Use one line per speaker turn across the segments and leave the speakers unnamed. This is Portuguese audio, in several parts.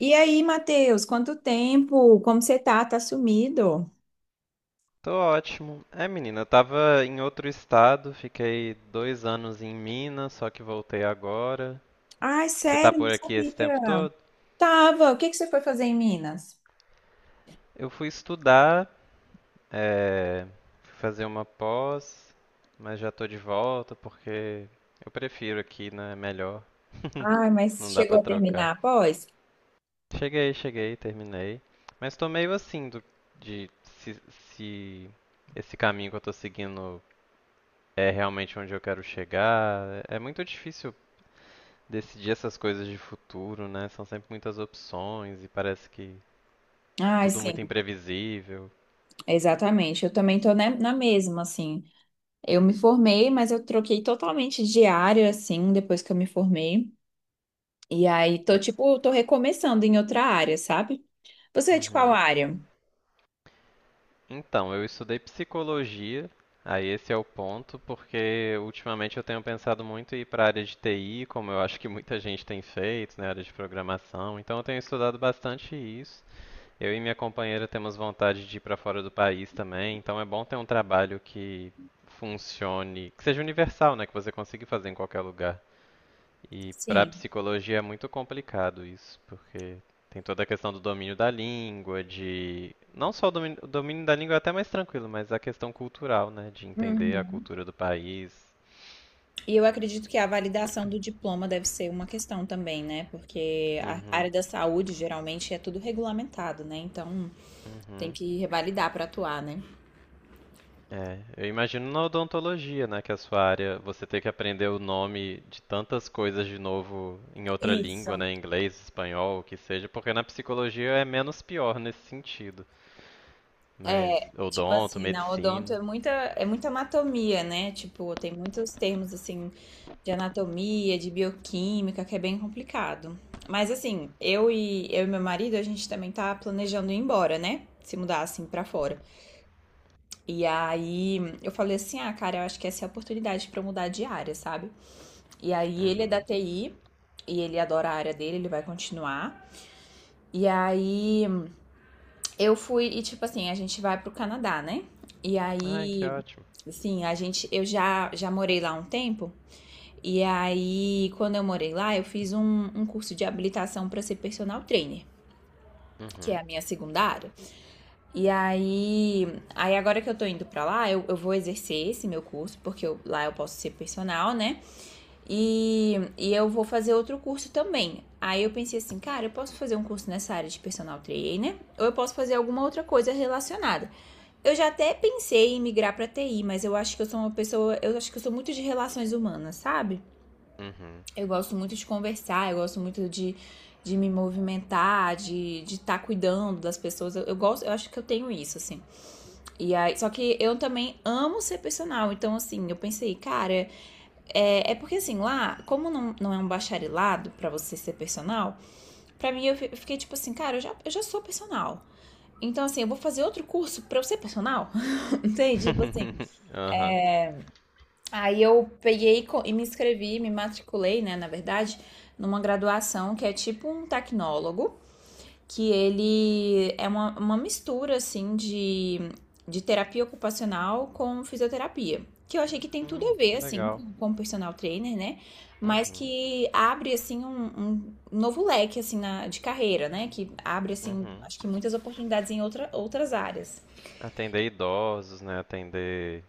E aí, Matheus, quanto tempo? Como você tá? Tá sumido?
Tô ótimo. Menina, eu tava em outro estado, fiquei dois anos em Minas, só que voltei agora.
Ai,
Você tá
sério,
por
não
aqui esse tempo
sabia.
todo?
Tava. O que que você foi fazer em Minas?
Eu fui estudar, é, fui fazer uma pós, mas já tô de volta porque eu prefiro aqui, né? Melhor,
Ai, mas
não dá pra
chegou a terminar
trocar.
após?
Cheguei, terminei. Mas tô meio assim de se esse caminho que eu tô seguindo é realmente onde eu quero chegar. É muito difícil decidir essas coisas de futuro, né? São sempre muitas opções e parece que
Ai,
tudo
sim,
muito imprevisível.
exatamente. Eu também tô, né, na mesma, assim. Eu me formei, mas eu troquei totalmente de área, assim, depois que eu me formei. E aí, tô, tipo, tô recomeçando em outra área, sabe? Você é de qual
Uhum.
área?
Então, eu estudei psicologia, aí esse é o ponto, porque ultimamente eu tenho pensado muito em ir para a área de TI, como eu acho que muita gente tem feito, né, área de programação. Então eu tenho estudado bastante isso. Eu e minha companheira temos vontade de ir para fora do país também, então é bom ter um trabalho que funcione, que seja universal, né, que você consiga fazer em qualquer lugar. E para
Sim.
psicologia é muito complicado isso, porque tem toda a questão do domínio da língua, de não só o domínio da língua é até mais tranquilo, mas a questão cultural, né, de entender a cultura do país.
E eu acredito que a validação do diploma deve ser uma questão também, né? Porque a
Uhum,
área da saúde geralmente é tudo regulamentado, né? Então tem
uhum.
que revalidar para atuar, né?
É, eu imagino na odontologia, né, que é a sua área, você ter que aprender o nome de tantas coisas de novo em outra língua,
Isso.
né, inglês, espanhol, o que seja, porque na psicologia é menos pior nesse sentido. Mas
É, tipo
odonto,
assim, na odonto
medicina.
é muita anatomia, né? Tipo, tem muitos termos assim de anatomia, de bioquímica, que é bem complicado. Mas assim, eu e meu marido, a gente também tá planejando ir embora, né? Se mudar assim para fora. E aí eu falei assim: ah, cara, eu acho que essa é a oportunidade pra eu mudar de área, sabe? E aí ele é da
Uhum.
TI e ele adora a área dele, ele vai continuar. E aí eu fui, e tipo assim, a gente vai pro Canadá, né? E
Ai, que
aí,
ótimo.
assim, a gente, eu já morei lá um tempo. E aí, quando eu morei lá, eu fiz um curso de habilitação pra ser personal trainer, que é
Uhum.
a minha segunda área. E aí, aí agora que eu tô indo pra lá, eu vou exercer esse meu curso, porque lá eu posso ser personal, né? E eu vou fazer outro curso também. Aí eu pensei assim, cara, eu posso fazer um curso nessa área de personal trainer, ou eu posso fazer alguma outra coisa relacionada. Eu já até pensei em migrar pra TI, mas eu acho que eu sou uma pessoa, eu acho que eu sou muito de relações humanas, sabe?
Uhum.
Eu gosto muito de conversar, eu gosto muito de me movimentar, de tá cuidando das pessoas. Eu gosto, eu acho que eu tenho isso, assim. E aí, só que eu também amo ser personal, então assim, eu pensei, cara, porque assim, lá, como não é um bacharelado pra você ser personal, pra mim eu fiquei tipo assim, cara, eu já sou personal. Então assim, eu vou fazer outro curso pra eu ser personal? Entende? Tipo assim.
Aham.
Aí eu peguei e me inscrevi, me matriculei, né, na verdade, numa graduação que é tipo um tecnólogo. Que ele é uma, mistura, assim, de terapia ocupacional com fisioterapia. Que eu achei que tem tudo a ver,
Que
assim,
legal.
com personal trainer, né? Mas
Uhum.
que abre, assim, um novo leque, assim, na, de carreira, né? Que abre, assim,
Uhum.
acho que muitas oportunidades em outra, outras áreas.
Atender idosos, né? Atender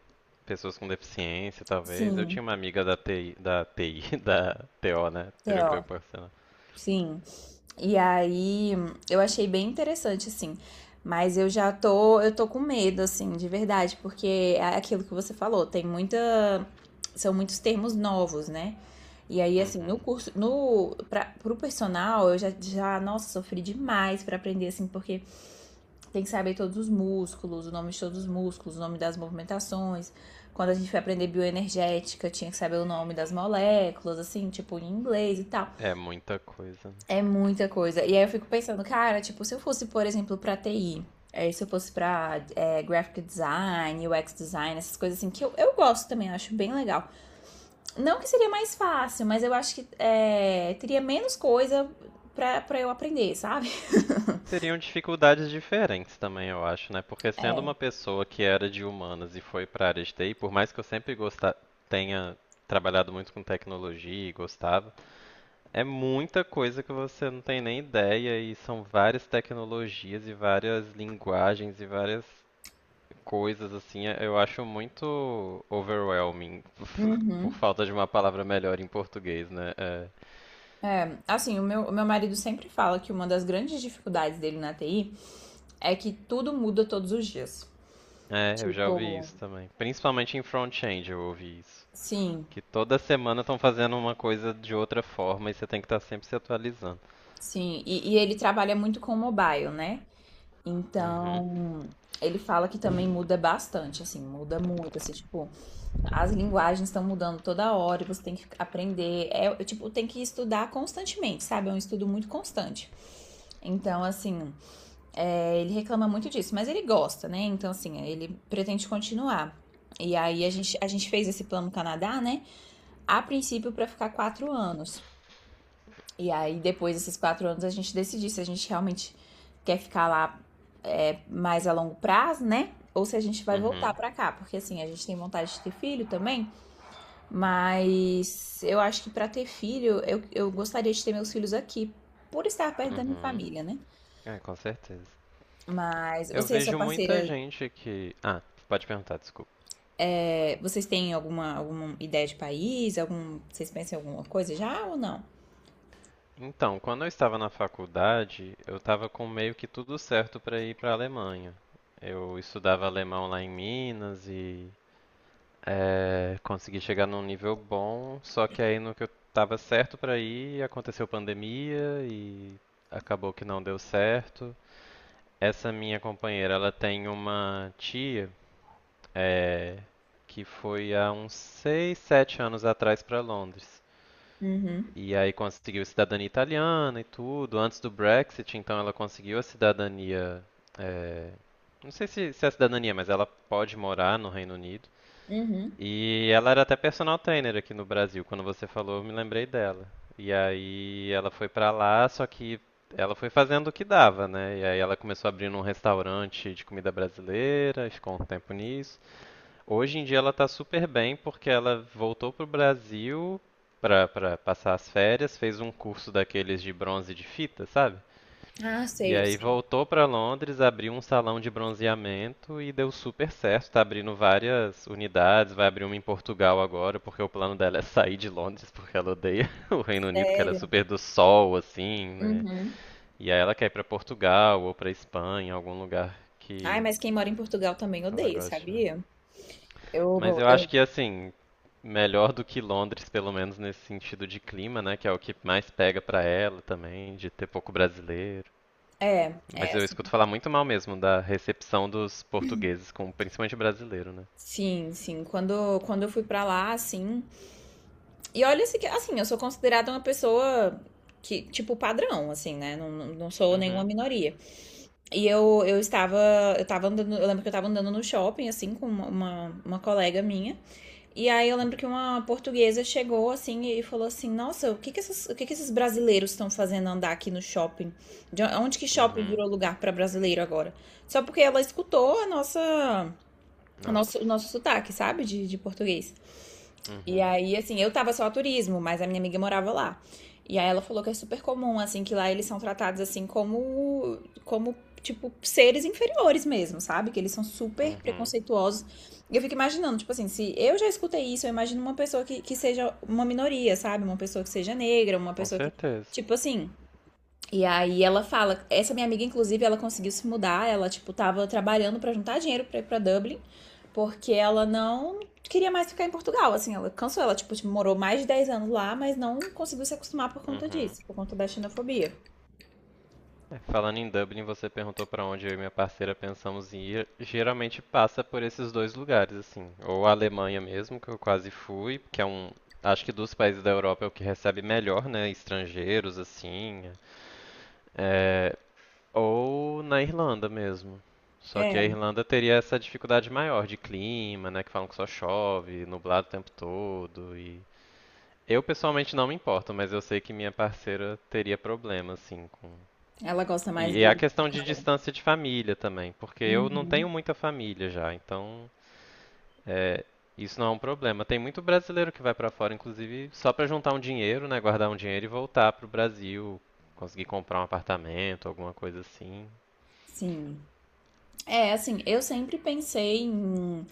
pessoas com deficiência, talvez. Eu
Sim,
tinha uma amiga da TI, da TO, né? Terapia
Theo,
ocupacional.
sim. E aí eu achei bem interessante, assim. Mas eu tô com medo, assim, de verdade, porque é aquilo que você falou, são muitos termos novos, né? E aí, assim, no
Uhum.
curso, no, pra, pro personal, nossa, sofri demais pra aprender, assim, porque tem que saber todos os músculos, o nome de todos os músculos, o nome das movimentações. Quando a gente foi aprender bioenergética, tinha que saber o nome das moléculas, assim, tipo, em inglês e tal.
É muita coisa, né?
É muita coisa. E aí eu fico pensando, cara, tipo, se eu fosse, por exemplo, pra TI, se eu fosse pra graphic design, UX design, essas coisas assim, que eu gosto também, eu acho bem legal. Não que seria mais fácil, mas eu acho que é, teria menos coisa pra, pra eu aprender, sabe?
Seriam dificuldades diferentes também, eu acho, né? Porque sendo uma
É.
pessoa que era de humanas e foi para a área de TI, por mais que eu sempre gostar, tenha trabalhado muito com tecnologia e gostava, é muita coisa que você não tem nem ideia, e são várias tecnologias e várias linguagens e várias coisas assim. Eu acho muito overwhelming, por
Uhum.
falta de uma palavra melhor em português, né?
Assim, o meu marido sempre fala que uma das grandes dificuldades dele na TI é que tudo muda todos os dias.
Eu já ouvi
Tipo,
isso também. Principalmente em front-end eu ouvi isso.
sim,
Que toda semana estão fazendo uma coisa de outra forma e você tem que estar sempre se atualizando.
sim. E ele trabalha muito com mobile, né?
Uhum,
Então, ele fala que também muda bastante, assim, muda muito, assim, tipo, as linguagens estão mudando toda hora, você tem que aprender, é, tipo, tem que estudar constantemente, sabe? É um estudo muito constante. Então, assim, é, ele reclama muito disso, mas ele gosta, né? Então, assim, ele pretende continuar. E aí a gente fez esse plano Canadá, né? A princípio para ficar 4 anos. E aí, depois desses 4 anos, a gente decidir se a gente realmente quer ficar lá, é, mais a longo prazo, né? Ou se a gente vai voltar
uhum,
pra cá, porque assim, a gente tem vontade de ter filho também, mas eu acho que pra ter filho, eu gostaria de ter meus filhos aqui, por estar perto da minha
uhum.
família, né?
É, com certeza.
Mas
Eu
você e a sua
vejo muita
parceira,
gente que. Ah, pode perguntar, desculpa.
é, vocês têm alguma, alguma ideia de país? Algum, vocês pensam em alguma coisa já ou não?
Então, quando eu estava na faculdade, eu estava com meio que tudo certo para ir para a Alemanha. Eu estudava alemão lá em Minas e consegui chegar num nível bom, só que aí no que eu estava certo para ir, aconteceu pandemia e acabou que não deu certo. Essa minha companheira, ela tem uma tia eh, que foi há uns 6, 7 anos atrás para Londres.
Uhum,
E aí conseguiu cidadania italiana e tudo. Antes do Brexit, então ela conseguiu a cidadania. é, Não sei se é a cidadania, mas ela pode morar no Reino Unido.
uhum.
E ela era até personal trainer aqui no Brasil. Quando você falou, eu me lembrei dela. E aí ela foi pra lá, só que ela foi fazendo o que dava, né? E aí ela começou abrindo um restaurante de comida brasileira, e ficou um tempo nisso. Hoje em dia ela tá super bem porque ela voltou pro Brasil pra passar as férias, fez um curso daqueles de bronze de fita, sabe?
Ah,
E
sei,
aí
sei.
voltou pra Londres, abriu um salão de bronzeamento e deu super certo. Tá abrindo várias unidades, vai abrir uma em Portugal agora, porque o plano dela é sair de Londres, porque ela odeia o Reino Unido, que ela é
Sério.
super do sol, assim, né?
Uhum.
E aí ela quer ir pra Portugal ou pra Espanha, algum lugar
Ai,
que
mas quem mora em Portugal também
ela
odeia,
goste mais.
sabia?
Mas
Eu,
eu acho
eu-
que assim, melhor do que Londres, pelo menos nesse sentido de clima, né, que é o que mais pega pra ela também, de ter pouco brasileiro.
É,
Mas
é
eu
assim.
escuto falar muito mal mesmo da recepção dos portugueses com principalmente brasileiro, né?
Sim, sim. Quando, quando eu fui pra lá, assim. E olha, assim, assim, eu sou considerada uma pessoa que, tipo, padrão, assim, né? Não, não sou nenhuma
Uhum.
minoria. E eu estava, eu tava andando, eu lembro que eu tava andando no shopping, assim, com uma, uma colega minha. E aí eu lembro que uma portuguesa chegou assim e falou assim: Nossa, o que que esses brasileiros estão fazendo andar aqui no shopping? De onde que shopping
Uhum.
virou lugar para brasileiro agora? Só porque ela escutou a nossa, o
Nossa.
nosso sotaque, sabe? De português. E
Uhum.
aí, assim, eu tava só a turismo, mas a minha amiga morava lá. E aí ela falou que é super comum, assim, que lá eles são tratados assim como, como tipo, seres inferiores mesmo, sabe? Que eles são super
Uhum.
preconceituosos. E eu fico imaginando, tipo assim, se eu já escutei isso, eu imagino uma pessoa que seja uma minoria, sabe? Uma pessoa que seja negra, uma
Com
pessoa que.
certeza.
Tipo assim, e aí ela fala, essa minha amiga inclusive, ela conseguiu se mudar, ela tipo tava trabalhando para juntar dinheiro para ir para Dublin, porque ela não queria mais ficar em Portugal, assim, ela cansou, ela tipo tipo, morou mais de 10 anos lá, mas não conseguiu se acostumar por conta
Uhum.
disso, por conta da xenofobia.
É, falando em Dublin, você perguntou pra onde eu e minha parceira pensamos em ir. Geralmente passa por esses dois lugares, assim. Ou a Alemanha mesmo, que eu quase fui, que é um. Acho que dos países da Europa é o que recebe melhor, né? Estrangeiros, assim. É, ou na Irlanda mesmo. Só que a
É,
Irlanda teria essa dificuldade maior de clima, né? Que falam que só chove, nublado o tempo todo. E eu pessoalmente não me importo, mas eu sei que minha parceira teria problema, assim, com
ela gosta mais
e é
do,
a
do
questão de
calor.
distância de família também, porque eu não tenho
Uhum.
muita família já, então é, isso não é um problema. Tem muito brasileiro que vai pra fora, inclusive, só pra juntar um dinheiro, né, guardar um dinheiro e voltar pro Brasil, conseguir comprar um apartamento, alguma coisa assim.
Sim. É, assim, eu sempre pensei em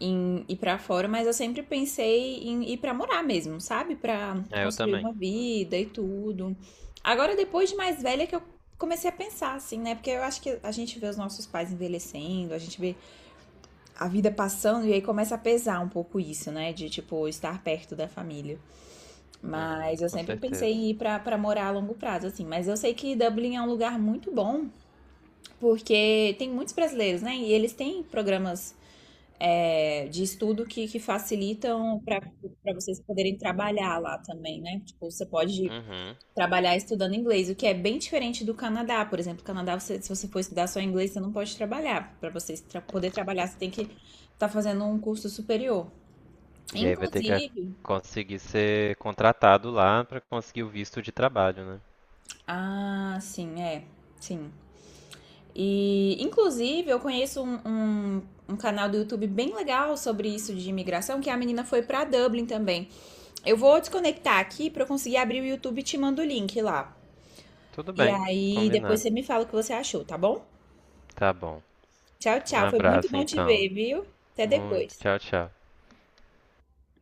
em ir para fora, mas eu sempre pensei em ir para morar mesmo, sabe? Para
É, eu
construir
também.
uma vida e tudo. Agora, depois de mais velha, que eu comecei a pensar assim, né? Porque eu acho que a gente vê os nossos pais envelhecendo, a gente vê a vida passando e aí começa a pesar um pouco isso, né? De tipo estar perto da família.
Uhum,
Mas eu
com
sempre pensei
certeza.
em ir pra para morar a longo prazo, assim. Mas eu sei que Dublin é um lugar muito bom, porque tem muitos brasileiros, né? E eles têm programas, é, de estudo que facilitam para vocês poderem trabalhar lá também, né? Tipo, você pode
Uhum.
trabalhar estudando inglês, o que é bem diferente do Canadá. Por exemplo, no Canadá, você, se você for estudar só inglês, você não pode trabalhar. Para você poder trabalhar, você tem que estar fazendo um curso superior.
E aí vai ter que
Inclusive,
conseguir ser contratado lá pra conseguir o visto de trabalho, né?
ah, sim, é, sim. E, inclusive, eu conheço um, um canal do YouTube bem legal sobre isso de imigração, que a menina foi para Dublin também. Eu vou desconectar aqui para eu conseguir abrir o YouTube e te mando o link lá.
Tudo
E
bem,
aí depois
combinado.
você me fala o que você achou, tá bom?
Tá bom.
Tchau,
Um
tchau. Foi muito
abraço
bom te
então.
ver, viu? Até
Muito.
depois.
Tchau, tchau.